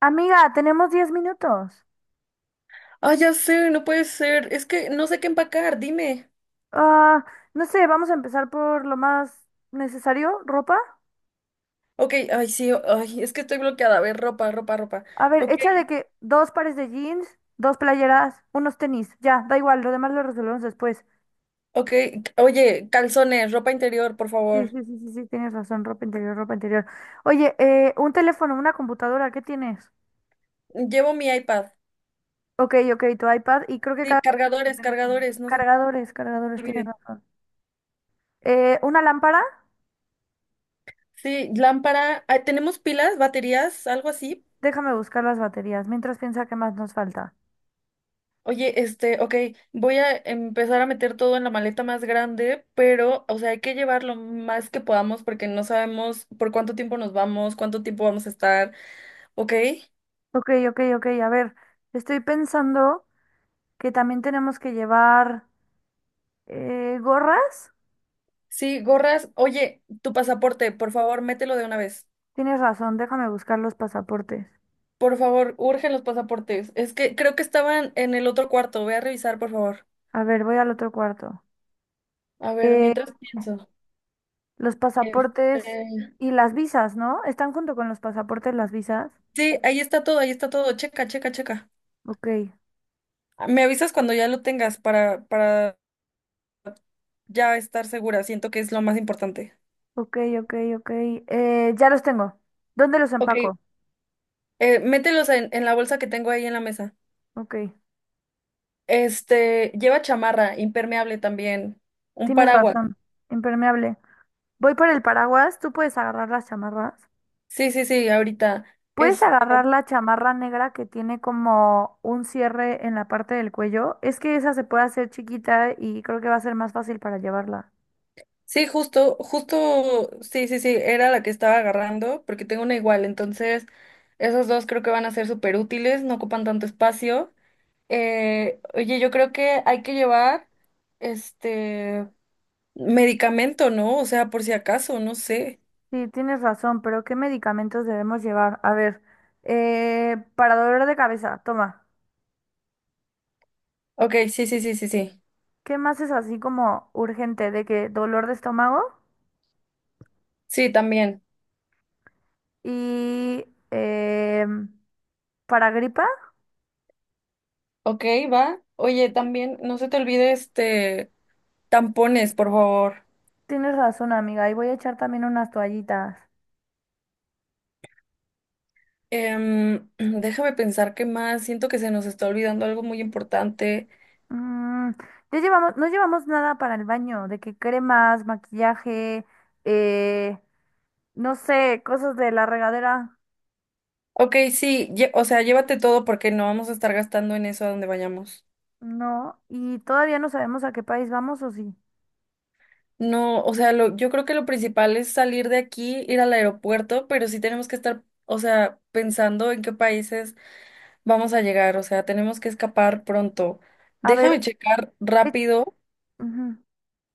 Amiga, tenemos 10 minutos. Ah, ya sé, no puede ser. Es que no sé qué empacar, dime. Ah, no sé, vamos a empezar por lo más necesario, ropa. Ok, ay, sí, ay, es que estoy bloqueada. A ver, ropa, ropa, ropa. A ver, Ok, echa de que dos pares de jeans, dos playeras, unos tenis, ya, da igual, lo demás lo resolvemos después. ok. Oye, calzones, ropa interior, por Sí, favor. sí, sí, sí, sí, tienes razón, ropa interior, ropa interior. Oye, un teléfono, una computadora, ¿qué tienes? Llevo mi iPad. Ok, ok, tu iPad y creo que Sí, cada quien tiene su cargadores, teléfono. cargadores, no se te Cargadores, cargadores, tienes olviden. razón. Una lámpara, Sí, lámpara. Ah, ¿tenemos pilas, baterías, algo así? déjame buscar las baterías, mientras piensa qué más nos falta. Oye, ok, voy a empezar a meter todo en la maleta más grande, pero, o sea, hay que llevar lo más que podamos porque no sabemos por cuánto tiempo nos vamos, cuánto tiempo vamos a estar, ¿ok? Ok, ok, ok. A ver, estoy pensando que también tenemos que llevar gorras. Sí, gorras. Oye, tu pasaporte, por favor, mételo de una vez. Tienes razón, déjame buscar los pasaportes. Por favor, urgen los pasaportes. Es que creo que estaban en el otro cuarto. Ve a revisar, por favor. A ver, voy al otro cuarto. A ver, Eh, mientras pienso. los Este, pasaportes y las visas, ¿no? ¿Están junto con los pasaportes las visas? Sí, ahí está todo, ahí está todo. Checa, checa, checa. Ok, Me avisas cuando ya lo tengas para ya estar segura. Siento que es lo más importante. ok, ok, ok. Ya los tengo. ¿Dónde los Ok. empaco? Mételos en la bolsa que tengo ahí en la mesa. Ok, Lleva chamarra, impermeable también. Un tienes paraguas. razón. Impermeable. Voy por el paraguas. ¿Tú puedes agarrar las chamarras? Sí, sí, sí, ahorita. Puedes Este. agarrar la chamarra negra que tiene como un cierre en la parte del cuello. Es que esa se puede hacer chiquita y creo que va a ser más fácil para llevarla. Sí, justo, justo, sí, sí, sí, era la que estaba agarrando, porque tengo una igual, entonces esos dos creo que van a ser súper útiles, no ocupan tanto espacio. Oye, yo creo que hay que llevar este medicamento, ¿no? O sea, por si acaso, no sé. Sí, tienes razón, pero ¿qué medicamentos debemos llevar? A ver, para dolor de cabeza, toma. Ok, sí, sí, sí, sí, sí. ¿Qué más es así como urgente? ¿De que dolor de estómago? Sí, también. Y em, para gripa, Ok, va. Oye, también, no se te olvide tampones, por favor. tienes razón, amiga. Y voy a echar también unas toallitas. Déjame pensar qué más. Siento que se nos está olvidando algo muy importante. Mm, ya llevamos, no llevamos nada para el baño, de que cremas, maquillaje, eh, no sé, cosas de la regadera, Ok, sí, o sea, llévate todo porque no vamos a estar gastando en eso a donde vayamos. no, y todavía no sabemos a qué país vamos o sí. No, o sea, yo creo que lo principal es salir de aquí, ir al aeropuerto, pero sí tenemos que estar, o sea, pensando en qué países vamos a llegar, o sea, tenemos que escapar pronto. A Déjame ver, checar eh, rápido ujú,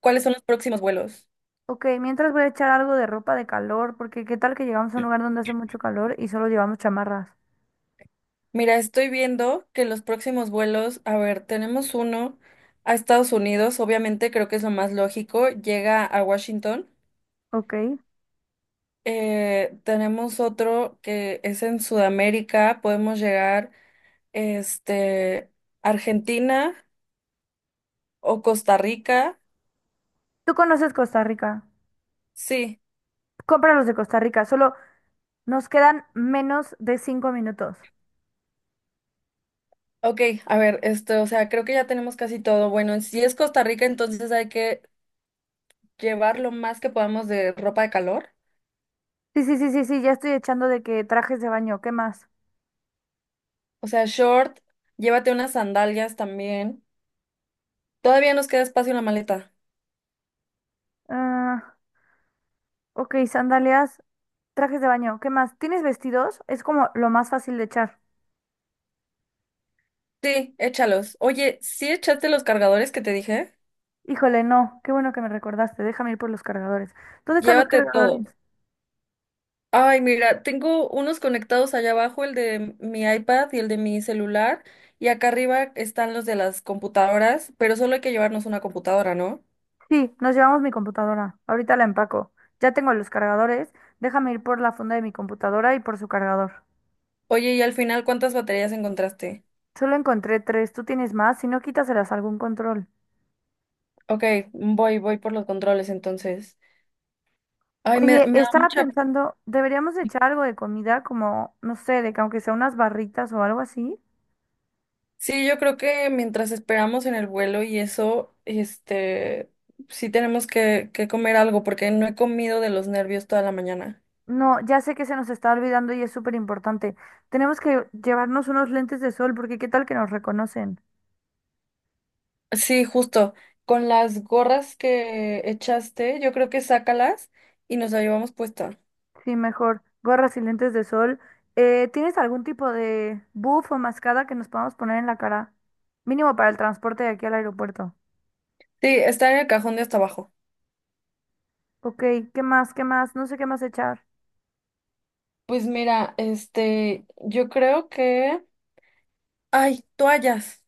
cuáles son los próximos vuelos. ok, mientras voy a echar algo de ropa de calor, porque qué tal que llegamos a un lugar donde hace mucho calor y solo llevamos chamarras, Mira, estoy viendo que los próximos vuelos, a ver, tenemos uno a Estados Unidos, obviamente creo que es lo más lógico, llega a Washington. ok. Tenemos otro que es en Sudamérica. Podemos llegar, este, Argentina o Costa Rica. Tú conoces Costa Rica, Sí, compra los de Costa Rica, solo nos quedan menos de 5 minutos. ok, a ver, o sea, creo que ya tenemos casi todo. Bueno, si es Costa Rica, entonces hay que llevar lo más que podamos de ropa de calor. Sí, sí, sí, sí, sí, ya estoy echando de que trajes de baño, ¿qué más? O sea, short, llévate unas sandalias también. Todavía nos queda espacio en la maleta. Ah, ok, sandalias, trajes de baño. ¿Qué más? ¿Tienes vestidos? Es como lo más fácil de echar. Sí, échalos. Oye, ¿sí echaste los cargadores que te dije? Híjole, no. Qué bueno que me recordaste. Déjame ir por los cargadores. ¿Dónde están los Llévate todo. cargadores? Ay, mira, tengo unos conectados allá abajo, el de mi iPad y el de mi celular, y acá arriba están los de las computadoras, pero solo hay que llevarnos una computadora, ¿no? Sí, nos llevamos mi computadora. Ahorita la empaco. Ya tengo los cargadores. Déjame ir por la funda de mi computadora y por su cargador. Oye, y al final, ¿cuántas baterías encontraste? Solo encontré tres. ¿Tú tienes más? Si no, quítaselas a algún control. Ok, voy, voy por los controles entonces. Ay, me, Oye, me da estaba mucha... pensando, deberíamos de echar algo de comida, como, no sé, de que aunque sea unas barritas o algo así. Sí, yo creo que mientras esperamos en el vuelo y eso, sí tenemos que, comer algo porque no he comido de los nervios toda la mañana. No, ya sé que se nos está olvidando y es súper importante. Tenemos que llevarnos unos lentes de sol porque qué tal que nos reconocen. Sí, justo. Con las gorras que echaste, yo creo que sácalas y nos la llevamos puesta. Sí, mejor. Gorras y lentes de sol. ¿Tienes algún tipo de buff o mascada que nos podamos poner en la cara? Mínimo para el transporte de aquí al aeropuerto. Sí, está en el cajón de hasta abajo. Ok, ¿qué más? ¿Qué más? No sé qué más echar. Pues mira, yo creo que... Ay, toallas.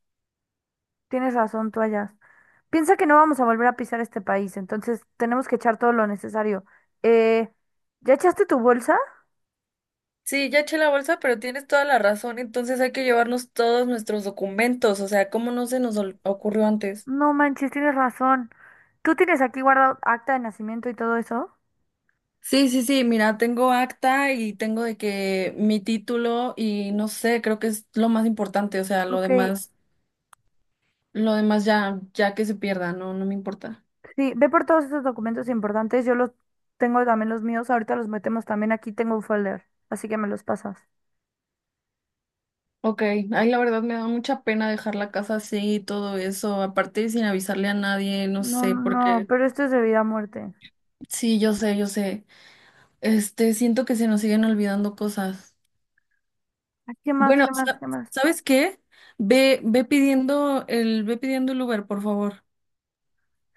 Tienes razón, toallas. Piensa que no vamos a volver a pisar este país, entonces tenemos que echar todo lo necesario. Eh, ¿ya echaste tu bolsa? Sí, ya eché la bolsa, pero tienes toda la razón. Entonces hay que llevarnos todos nuestros documentos. O sea, ¿cómo no se nos ocurrió antes? No manches, tienes razón. ¿Tú tienes aquí guardado acta de nacimiento y todo eso? Sí, sí, sí, mira, tengo acta y tengo de que mi título y no sé, creo que es lo más importante. O sea, lo Ok, demás. Lo demás ya, ya que se pierda, no, no me importa. sí, ve por todos esos documentos importantes. Yo los tengo también los míos. Ahorita los metemos también. Aquí tengo un folder, así que me los pasas. Ok, ay, la verdad me da mucha pena dejar la casa así y todo eso, aparte sin avisarle a nadie, no No, sé, no, no, porque pero esto es de vida a muerte. sí, yo sé, yo sé. Siento que se nos siguen olvidando cosas. Ah, ¿qué más? Bueno, ¿Qué más? ¿Qué más? ¿sabes qué? Ve pidiendo el Uber, por favor.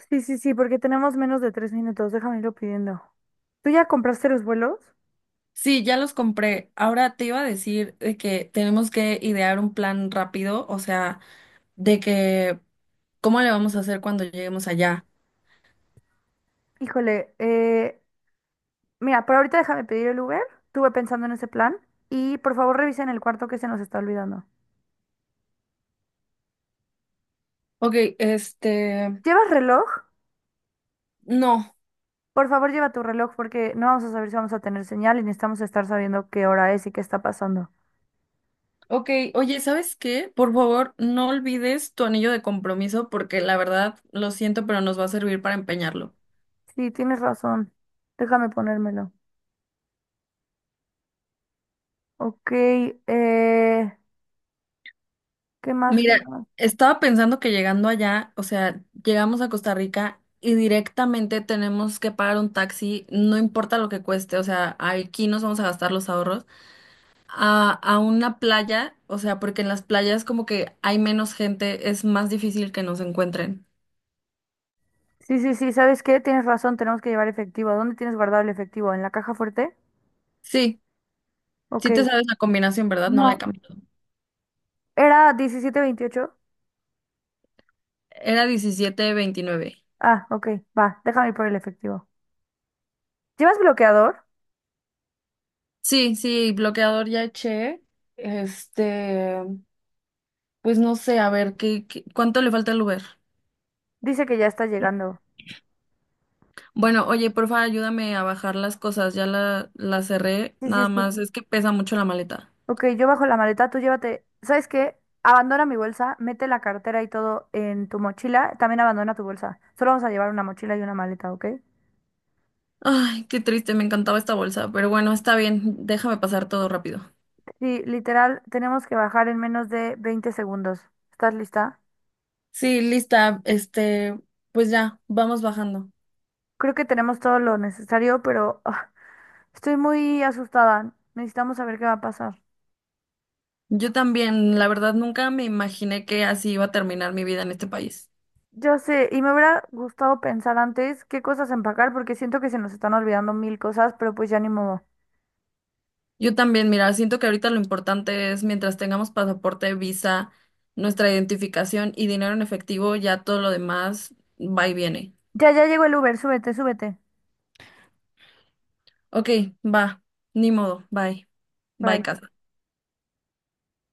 Sí, sí, sí, porque tenemos menos de 3 minutos. Déjame irlo pidiendo. ¿Tú ya compraste los vuelos? Sí, ya los compré. Ahora te iba a decir de que tenemos que idear un plan rápido, o sea, de que ¿cómo le vamos a hacer cuando lleguemos allá? Híjole, mira, por ahorita déjame pedir el Uber. Estuve pensando en ese plan. Y por favor revisen el cuarto que se nos está olvidando. Ok, este, ¿Llevas reloj? no. Por favor, lleva tu reloj porque no vamos a saber si vamos a tener señal y necesitamos estar sabiendo qué hora es y qué está pasando. Ok, oye, ¿sabes qué? Por favor, no olvides tu anillo de compromiso porque la verdad, lo siento, pero nos va a servir para empeñarlo. Sí, tienes razón. Déjame ponérmelo. Ok, eh, ¿qué más? ¿Qué Mira, más? estaba pensando que llegando allá, o sea, llegamos a Costa Rica y directamente tenemos que pagar un taxi, no importa lo que cueste, o sea, aquí nos vamos a gastar los ahorros, a una playa, o sea, porque en las playas como que hay menos gente, es más difícil que nos encuentren. Sí, sí, sí, ¿sabes qué? Tienes razón, tenemos que llevar efectivo. ¿Dónde tienes guardado el efectivo? ¿En la caja fuerte? Sí. Ok, Sí te sabes la combinación, ¿verdad? No la he no, cambiado. era 17-28. Era 17 29. Ah, ok, va, déjame ir por el efectivo. ¿Llevas bloqueador? Sí, sí, bloqueador ya eché. Este, pues no sé, a ver, ¿ cuánto le falta al Uber? Dice que ya está llegando. Bueno, oye, porfa, ayúdame a bajar las cosas. Ya la cerré, Sí, sí, nada sí. más. Es que pesa mucho la maleta. Ok, yo bajo la maleta, tú llévate. ¿Sabes qué? Abandona mi bolsa, mete la cartera y todo en tu mochila. También abandona tu bolsa. Solo vamos a llevar una mochila y una maleta, ¿ok? Ay, qué triste, me encantaba esta bolsa. Pero bueno, está bien, déjame pasar todo rápido. Sí, literal, tenemos que bajar en menos de 20 segundos. ¿Estás lista? Sí, lista. Pues ya, vamos bajando. Creo que tenemos todo lo necesario, pero estoy muy asustada. Necesitamos saber qué va a pasar. Yo también, la verdad, nunca me imaginé que así iba a terminar mi vida en este país. Yo sé, y me hubiera gustado pensar antes qué cosas empacar, porque siento que se nos están olvidando mil cosas, pero pues ya ni modo. Yo también, mira, siento que ahorita lo importante es mientras tengamos pasaporte, visa, nuestra identificación y dinero en efectivo, ya todo lo demás va y viene. Ya, ya llegó el Uber, súbete, súbete. Ok, va, ni modo, bye. Bye, Bye. casa.